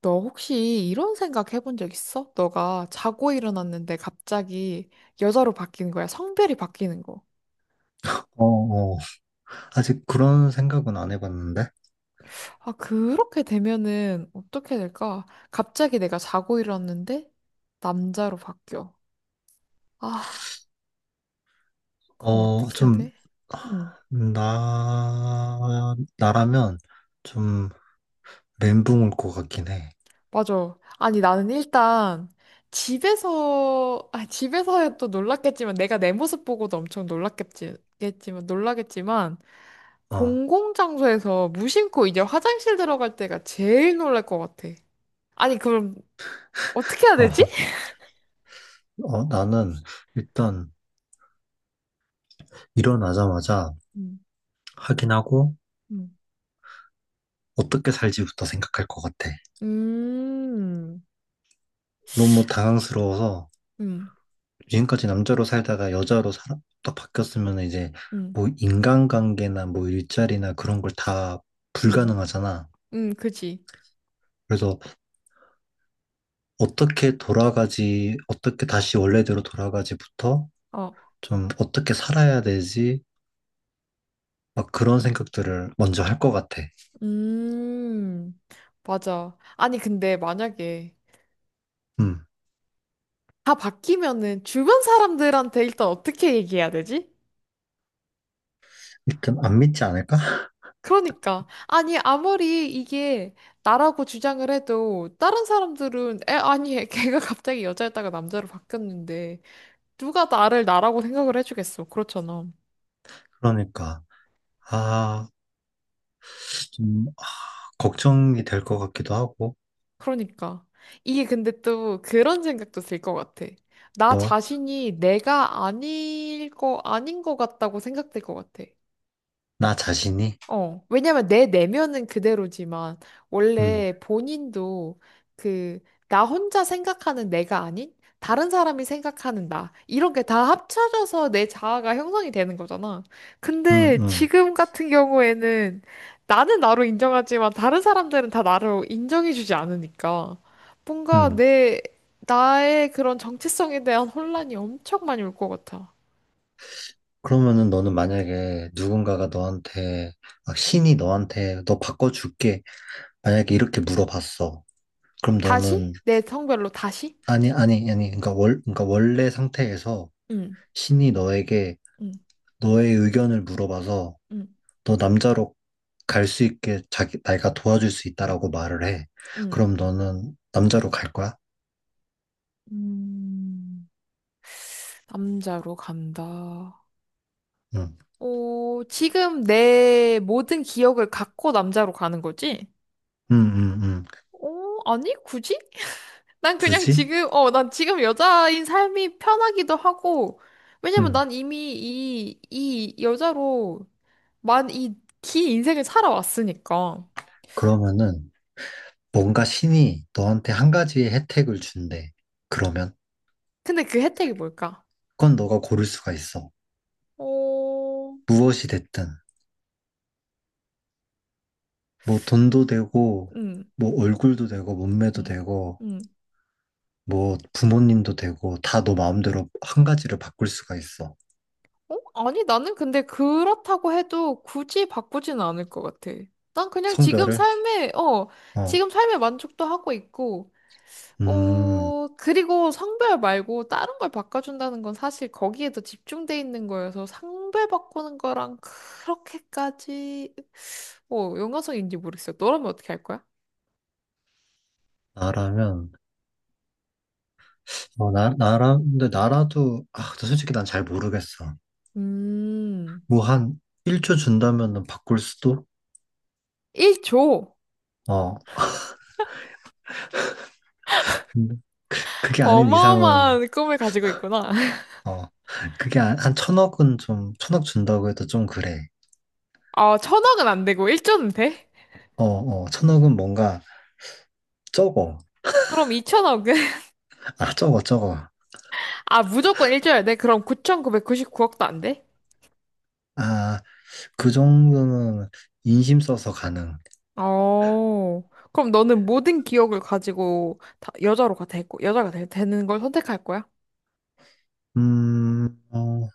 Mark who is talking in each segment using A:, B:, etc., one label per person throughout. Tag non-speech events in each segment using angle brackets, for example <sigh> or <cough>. A: 너 혹시 이런 생각 해본 적 있어? 너가 자고 일어났는데 갑자기 여자로 바뀌는 거야. 성별이 바뀌는 거.
B: 어, 어. 아직 그런 생각은 안 해봤는데,
A: 아, 그렇게 되면은 어떻게 될까? 갑자기 내가 자고 일어났는데 남자로 바뀌어. 아, 그럼 어떻게 해야
B: 좀,
A: 돼? 응,
B: 나라면 좀 멘붕 올 것 같긴 해.
A: 맞아. 아니, 나는 일단 집에서, 아, 집에서야 또 놀랐겠지만, 내가 내 모습 보고도 엄청 놀라겠지만,
B: 어,
A: 공공장소에서 무심코 이제 화장실 들어갈 때가 제일 놀랄 것 같아. 아니, 그럼 어떻게 해야
B: 어,
A: 되지?
B: 나는 일단 일어나자마자
A: 음,
B: 확인하고
A: 음,
B: 어떻게 살지부터 생각할 것 같아.
A: 음,
B: 너무 당황스러워서
A: 음,
B: 지금까지 남자로 살다가 여자로 살아, 딱 바뀌었으면 이제
A: 음,
B: 뭐 인간관계나 뭐 일자리나 그런 걸 다
A: 음,
B: 불가능하잖아.
A: 그지.
B: 그래서 어떻게 돌아가지, 어떻게 다시 원래대로 돌아가지부터
A: 어,
B: 좀 어떻게 살아야 되지? 막 그런 생각들을 먼저 할 것 같아.
A: 음, 맞아. 아니, 근데 만약에
B: 음.
A: 다 바뀌면은 주변 사람들한테 일단 어떻게 얘기해야 되지?
B: 일단 안 믿지 않을까? <laughs>
A: 그러니까. 아니, 아무리 이게 나라고 주장을 해도 다른 사람들은, 에, 아니, <laughs> 걔가 갑자기 여자였다가 남자로 바뀌었는데. 누가 나를 나라고 생각을 해주겠어. 그렇잖아.
B: 그러니까. 아, 좀 걱정이 될 것 같기도 하고,
A: 그러니까. 이게 근데 또 그런 생각도 들 것 같아. 나
B: 뭐,
A: 자신이 내가 아닐 거, 아닌 거 같다고 생각될 것 같아.
B: 나 자신이.
A: 어, 왜냐면 내 내면은 그대로지만,
B: 음,
A: 원래 본인도 그, 나 혼자 생각하는 내가 아닌, 다른 사람이 생각하는 나. 이런 게 다 합쳐져서 내 자아가 형성이 되는 거잖아.
B: 음,
A: 근데
B: 음,
A: 지금 같은 경우에는 나는 나로 인정하지만 다른 사람들은 다 나로 인정해주지 않으니까. 뭔가
B: 음.
A: 내, 나의 그런 정체성에 대한 혼란이 엄청 많이 올 것 같아.
B: 그러면은 너는 만약에 누군가가 너한테, 막 신이 너한테 너 바꿔줄게. 만약에 이렇게 물어봤어. 그럼 너는
A: 다시? 내 성별로 다시?
B: 아니, 아니, 아니. 그러니까 그러니까 원래 상태에서
A: 응,
B: 신이 너에게
A: 응,
B: 너의 의견을 물어봐서
A: 응,
B: 너 남자로 갈 수 있게 자기 내가 도와줄 수 있다라고 말을 해.
A: 응.
B: 그럼 너는 남자로 갈 거야?
A: 음, 남자로 간다.
B: 응.
A: 오, 지금 내 모든 기억을 갖고 남자로 가는 거지?
B: 응, 응, 응.
A: 오, 아니, 굳이? 난 그냥
B: 굳이?
A: 지금, 난 지금 여자인 삶이 편하기도 하고, 왜냐면
B: 응.
A: 난 이미 이 여자로 만 이 긴 인생을 살아왔으니까.
B: 그러면은 뭔가 신이 너한테 한 가지의 혜택을 준대. 그러면
A: 근데 그 혜택이 뭘까?
B: 그건 너가 고를 수가 있어.
A: 오,
B: 무엇이 됐든 뭐 돈도 되고
A: 응
B: 뭐 얼굴도 되고
A: 응
B: 몸매도 되고
A: 응
B: 뭐 부모님도 되고 다 너 마음대로 한 가지를 바꿀 수가 있어.
A: 어? 아니, 나는 근데 그렇다고 해도 굳이 바꾸진 않을 것 같아. 난 그냥 지금
B: 성별을?
A: 삶에, 어,
B: 어.
A: 지금 삶에 만족도 하고 있고,
B: 음,
A: 그리고 성별 말고 다른 걸 바꿔준다는 건 사실 거기에 더 집중돼 있는 거여서 성별 바꾸는 거랑 그렇게까지, 연관성인지 모르겠어. 너라면 어떻게 할 거야?
B: 나라면, 어, 나, 나라, 근데 나라도, 근데 솔직히 난 잘 모르겠어.
A: 음,
B: 뭐 한 1초 준다면은 바꿀 수도?
A: 1조.
B: 어, 근데 그게 아닌 이상은,
A: 어마어마한 꿈을 가지고 있구나. <laughs>
B: 어, 그게 한 천억은 좀, 천억 준다고 해도 좀 그래.
A: 아, 천억은 안 되고 1조는 돼?
B: 천억은 뭔가 적어.
A: 그럼 2천억은?
B: 아, 적어, 적어.
A: 아, 무조건 1조야 돼? 그럼 9,999억도 안 돼?
B: 아, 그 정도는 인심 써서 가능.
A: 어. 그럼 너는 모든 기억을 가지고 다 여자로 가 되고 여자가 되는 걸 선택할 거야?
B: 음, 어,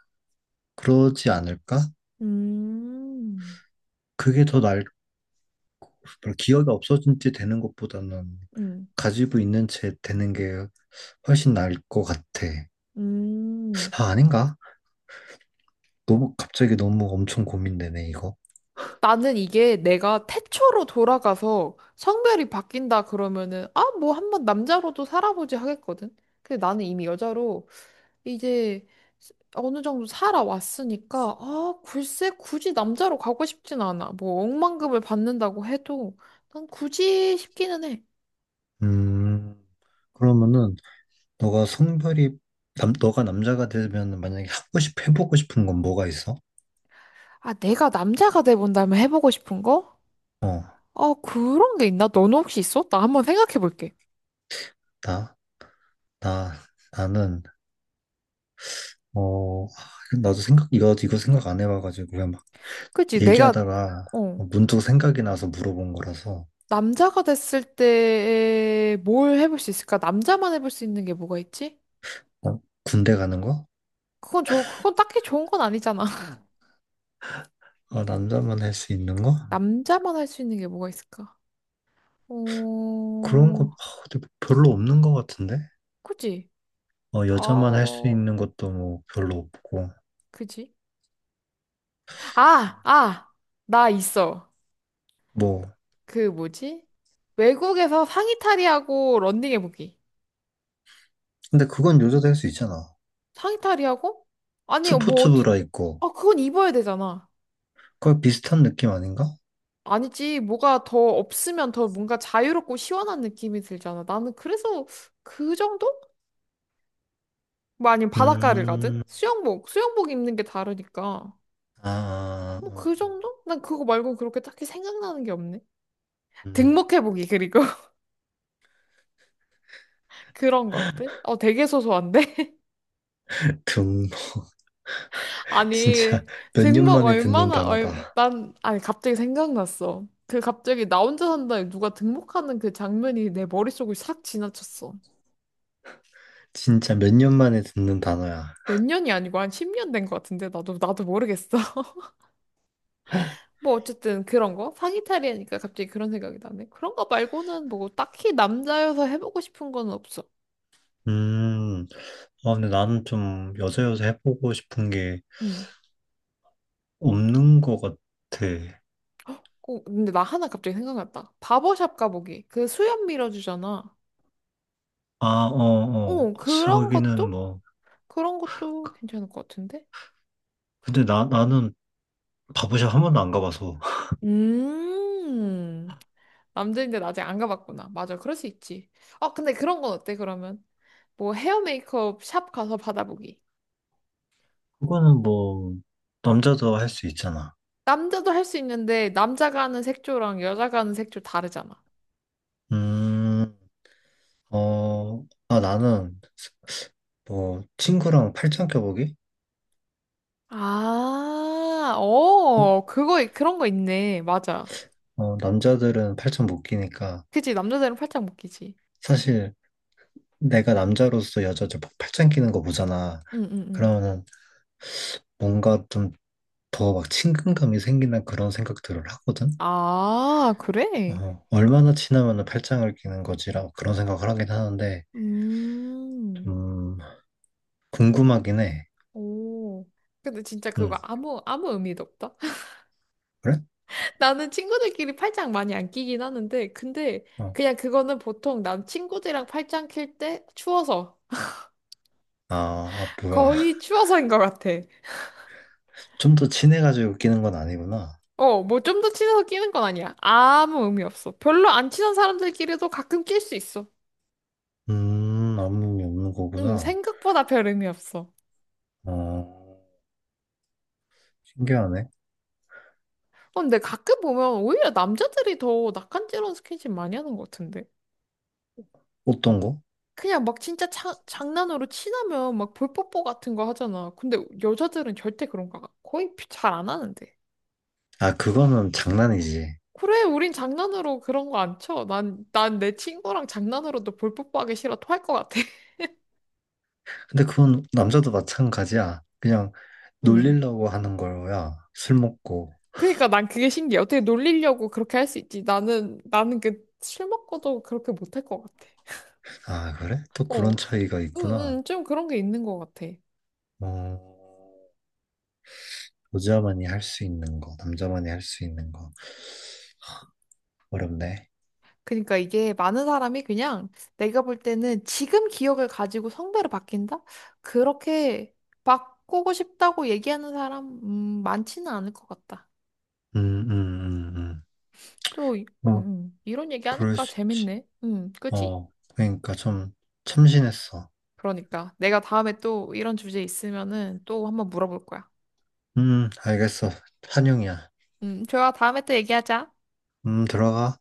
B: 그러지 않을까?
A: 음,
B: 그게 더 나을, 기억이 없어진 지 되는 것보다는
A: 음,
B: 가지고 있는 채 되는 게 훨씬 나을 것 같아.
A: 음.
B: 아, 아닌가? 너무 갑자기 너무 엄청 고민되네, 이거.
A: 나는 이게 내가 태초로 돌아가서 성별이 바뀐다 그러면은, 아, 뭐 한번 남자로도 살아보지 하겠거든? 근데 나는 이미 여자로 이제 어느 정도 살아왔으니까, 아, 글쎄, 굳이 남자로 가고 싶진 않아. 뭐, 억만금을 받는다고 해도, 난 굳이 싶기는 해.
B: 음, 그러면은 너가 성별이 너가 남자가 되면 만약에 해보고 싶은 건 뭐가 있어?
A: 아, 내가 남자가 돼본다면 해보고 싶은 거?
B: 어,
A: 아, 그런 게 있나? 너는 혹시 있어? 나 한번 생각해 볼게.
B: 나, 나, 나는 어, 아, 나도 생각 이거 이거 생각 안 해봐가지고 그냥 막
A: 그치,
B: 얘기하다가
A: 어,
B: 문득 생각이 나서 물어본 거라서
A: 남자가 됐을 때 뭘 해볼 수 있을까? 남자만 해볼 수 있는 게 뭐가 있지?
B: 어, 군대 가는 거?
A: 그건 딱히 좋은 건 아니잖아. <laughs>
B: 아, 남자만 할 수 있는 거?
A: 남자만 할 수 있는 게 뭐가 있을까?
B: 그런 거
A: 어,
B: 아, 근데 별로 없는 것 같은데?
A: 그치?
B: 어, 여자만 할 수
A: 어,
B: 있는 것도 뭐 별로 없고.
A: 그지? 아, 아, 나 있어.
B: 뭐,
A: 그 뭐지? 외국에서 상의탈의하고 런닝해보기.
B: 근데 그건 여자도 할 수 있잖아.
A: 상의탈의하고? 아니, 뭐,
B: 스포츠
A: 어찌,
B: 브라 있고.
A: 아, 그건 입어야 되잖아.
B: 거의 비슷한 느낌 아닌가?
A: 아니지, 뭐가 더 없으면 더 뭔가 자유롭고 시원한 느낌이 들잖아. 나는 그래서 그 정도? 뭐 아니면 바닷가를 가든?
B: 음,
A: 수영복 입는 게 다르니까.
B: 아, 아,
A: 뭐
B: 아,
A: 그 정도? 난 그거 말고 그렇게 딱히 생각나는 게 없네.
B: 음, 음.
A: 등목해보기, 그리고 <laughs> 그런 것들? 어, 되게 소소한데?
B: 등. <laughs>
A: 아니,
B: 진짜 몇 년
A: 등록
B: 만에 듣는
A: 얼마나,
B: 단어다.
A: 난, 아니, 갑자기 생각났어. 그 갑자기 나 혼자 산다에 누가 등록하는 그 장면이 내 머릿속을 싹 지나쳤어.
B: 진짜 몇 년 만에 듣는 단어야.
A: 몇 년이 아니고 한 10년 된 것 같은데, 나도 모르겠어. <laughs> 뭐, 어쨌든 그런 거? 상의탈이 하니까 갑자기 그런 생각이 나네. 그런 거 말고는 뭐, 딱히 남자여서 해보고 싶은 건 없어.
B: 음, 아, 근데 나는 좀 여자 여자 해보고 싶은 게
A: 응.
B: 없는 것 같아.
A: 꼭, 근데 나 하나 갑자기 생각났다. 바버샵 가보기. 그 수염 밀어주잖아.
B: 아, 어, 어.
A: 어, 그런
B: 거기는
A: 것도?
B: 뭐.
A: 그런 것도 괜찮을 것 같은데?
B: 근데 나는 바보샵 한 번도 안 가봐서.
A: 음, 남자인데 나 아직 안 가봤구나. 맞아, 그럴 수 있지. 어, 근데 그런 건 어때, 그러면? 뭐 헤어 메이크업 샵 가서 받아보기.
B: 그거는 뭐, 남자도 할 수 있잖아.
A: 남자도 할 수 있는데, 남자가 하는 색조랑 여자가 하는 색조 다르잖아.
B: 음, 어, 나는 뭐, 친구랑 팔짱 껴보기?
A: 아, 그거, 그런 거 있네. 맞아.
B: 어, 남자들은 팔짱 못 끼니까,
A: 그치, 남자들은 팔짱 묶이지
B: 사실 내가 남자로서 여자들 막 팔짱 끼는 거 보잖아.
A: 응, 응, 응.
B: 그러면은 뭔가 좀 더 막 친근감이 생기는 그런 생각들을 하거든?
A: 아, 그래?
B: 어, 얼마나 친하면은 팔짱을 끼는 거지라고 그런 생각을 하긴 하는데,
A: 음,
B: 좀, 궁금하긴 해.
A: 오. 근데 진짜
B: 응,
A: 그거 아무 의미도 없다.
B: 그래?
A: 나는 친구들끼리 팔짱 많이 안 끼긴 하는데, 근데
B: 어,
A: 그냥 그거는 보통 난 친구들이랑 팔짱 낄 때 추워서.
B: 아, 아, 뭐야.
A: 거의 추워서인 것 같아.
B: 좀 더 친해가지고 웃기는 건 아니구나.
A: 어, 뭐 좀 더 친해서 끼는 건 아니야. 아무 의미 없어. 별로 안 친한 사람들끼리도 가끔 낄 수 있어.
B: 아무 의미 없는 거구나.
A: 생각보다 별 의미 없어.
B: 어, 신기하네.
A: 어, 근데 가끔 보면 오히려 남자들이 더 낯간지러운 스킨십 많이 하는 것 같은데.
B: 어떤 거?
A: 그냥 막 진짜 장난으로 친하면 막 볼뽀뽀 같은 거 하잖아. 근데 여자들은 절대 그런 거 거의 잘 안 하는데.
B: 아, 그거는 장난이지.
A: 그래, 우린 장난으로 그런 거 안 쳐. 난 내 친구랑 장난으로도 볼뽀뽀하기 싫어 토할 것 같아. <laughs>
B: 근데 그건 남자도 마찬가지야. 그냥
A: 음.
B: 놀리려고 하는 거야. 술 먹고.
A: 그러니까 난 그게 신기해. 어떻게 놀리려고 그렇게 할 수 있지? 나는 그 술 먹고도 그렇게 못할 것 같아.
B: 아, 그래? 또
A: 어.
B: 그런 차이가
A: 응,
B: 있구나.
A: 응, 좀 그런 게 있는 것 같아.
B: 어, 여자만이 할 수 있는 거, 남자만이 할 수 있는 거. 어렵네.
A: 그러니까 이게 많은 사람이 그냥 내가 볼 때는 지금 기억을 가지고 성별을 바뀐다? 그렇게 바꾸고 싶다고 얘기하는 사람, 많지는 않을 것 같다.
B: 음, 음, 음, 음.
A: 또,
B: 뭐,
A: 이런 얘기
B: 그럴
A: 하니까
B: 수 있지.
A: 재밌네. 그치?
B: 어, 그러니까 좀 참신했어.
A: 그러니까 내가 다음에 또 이런 주제 있으면은 또 한번 물어볼 거야.
B: 알겠어. 한영이야.
A: 좋아. 다음에 또 얘기하자.
B: 들어가.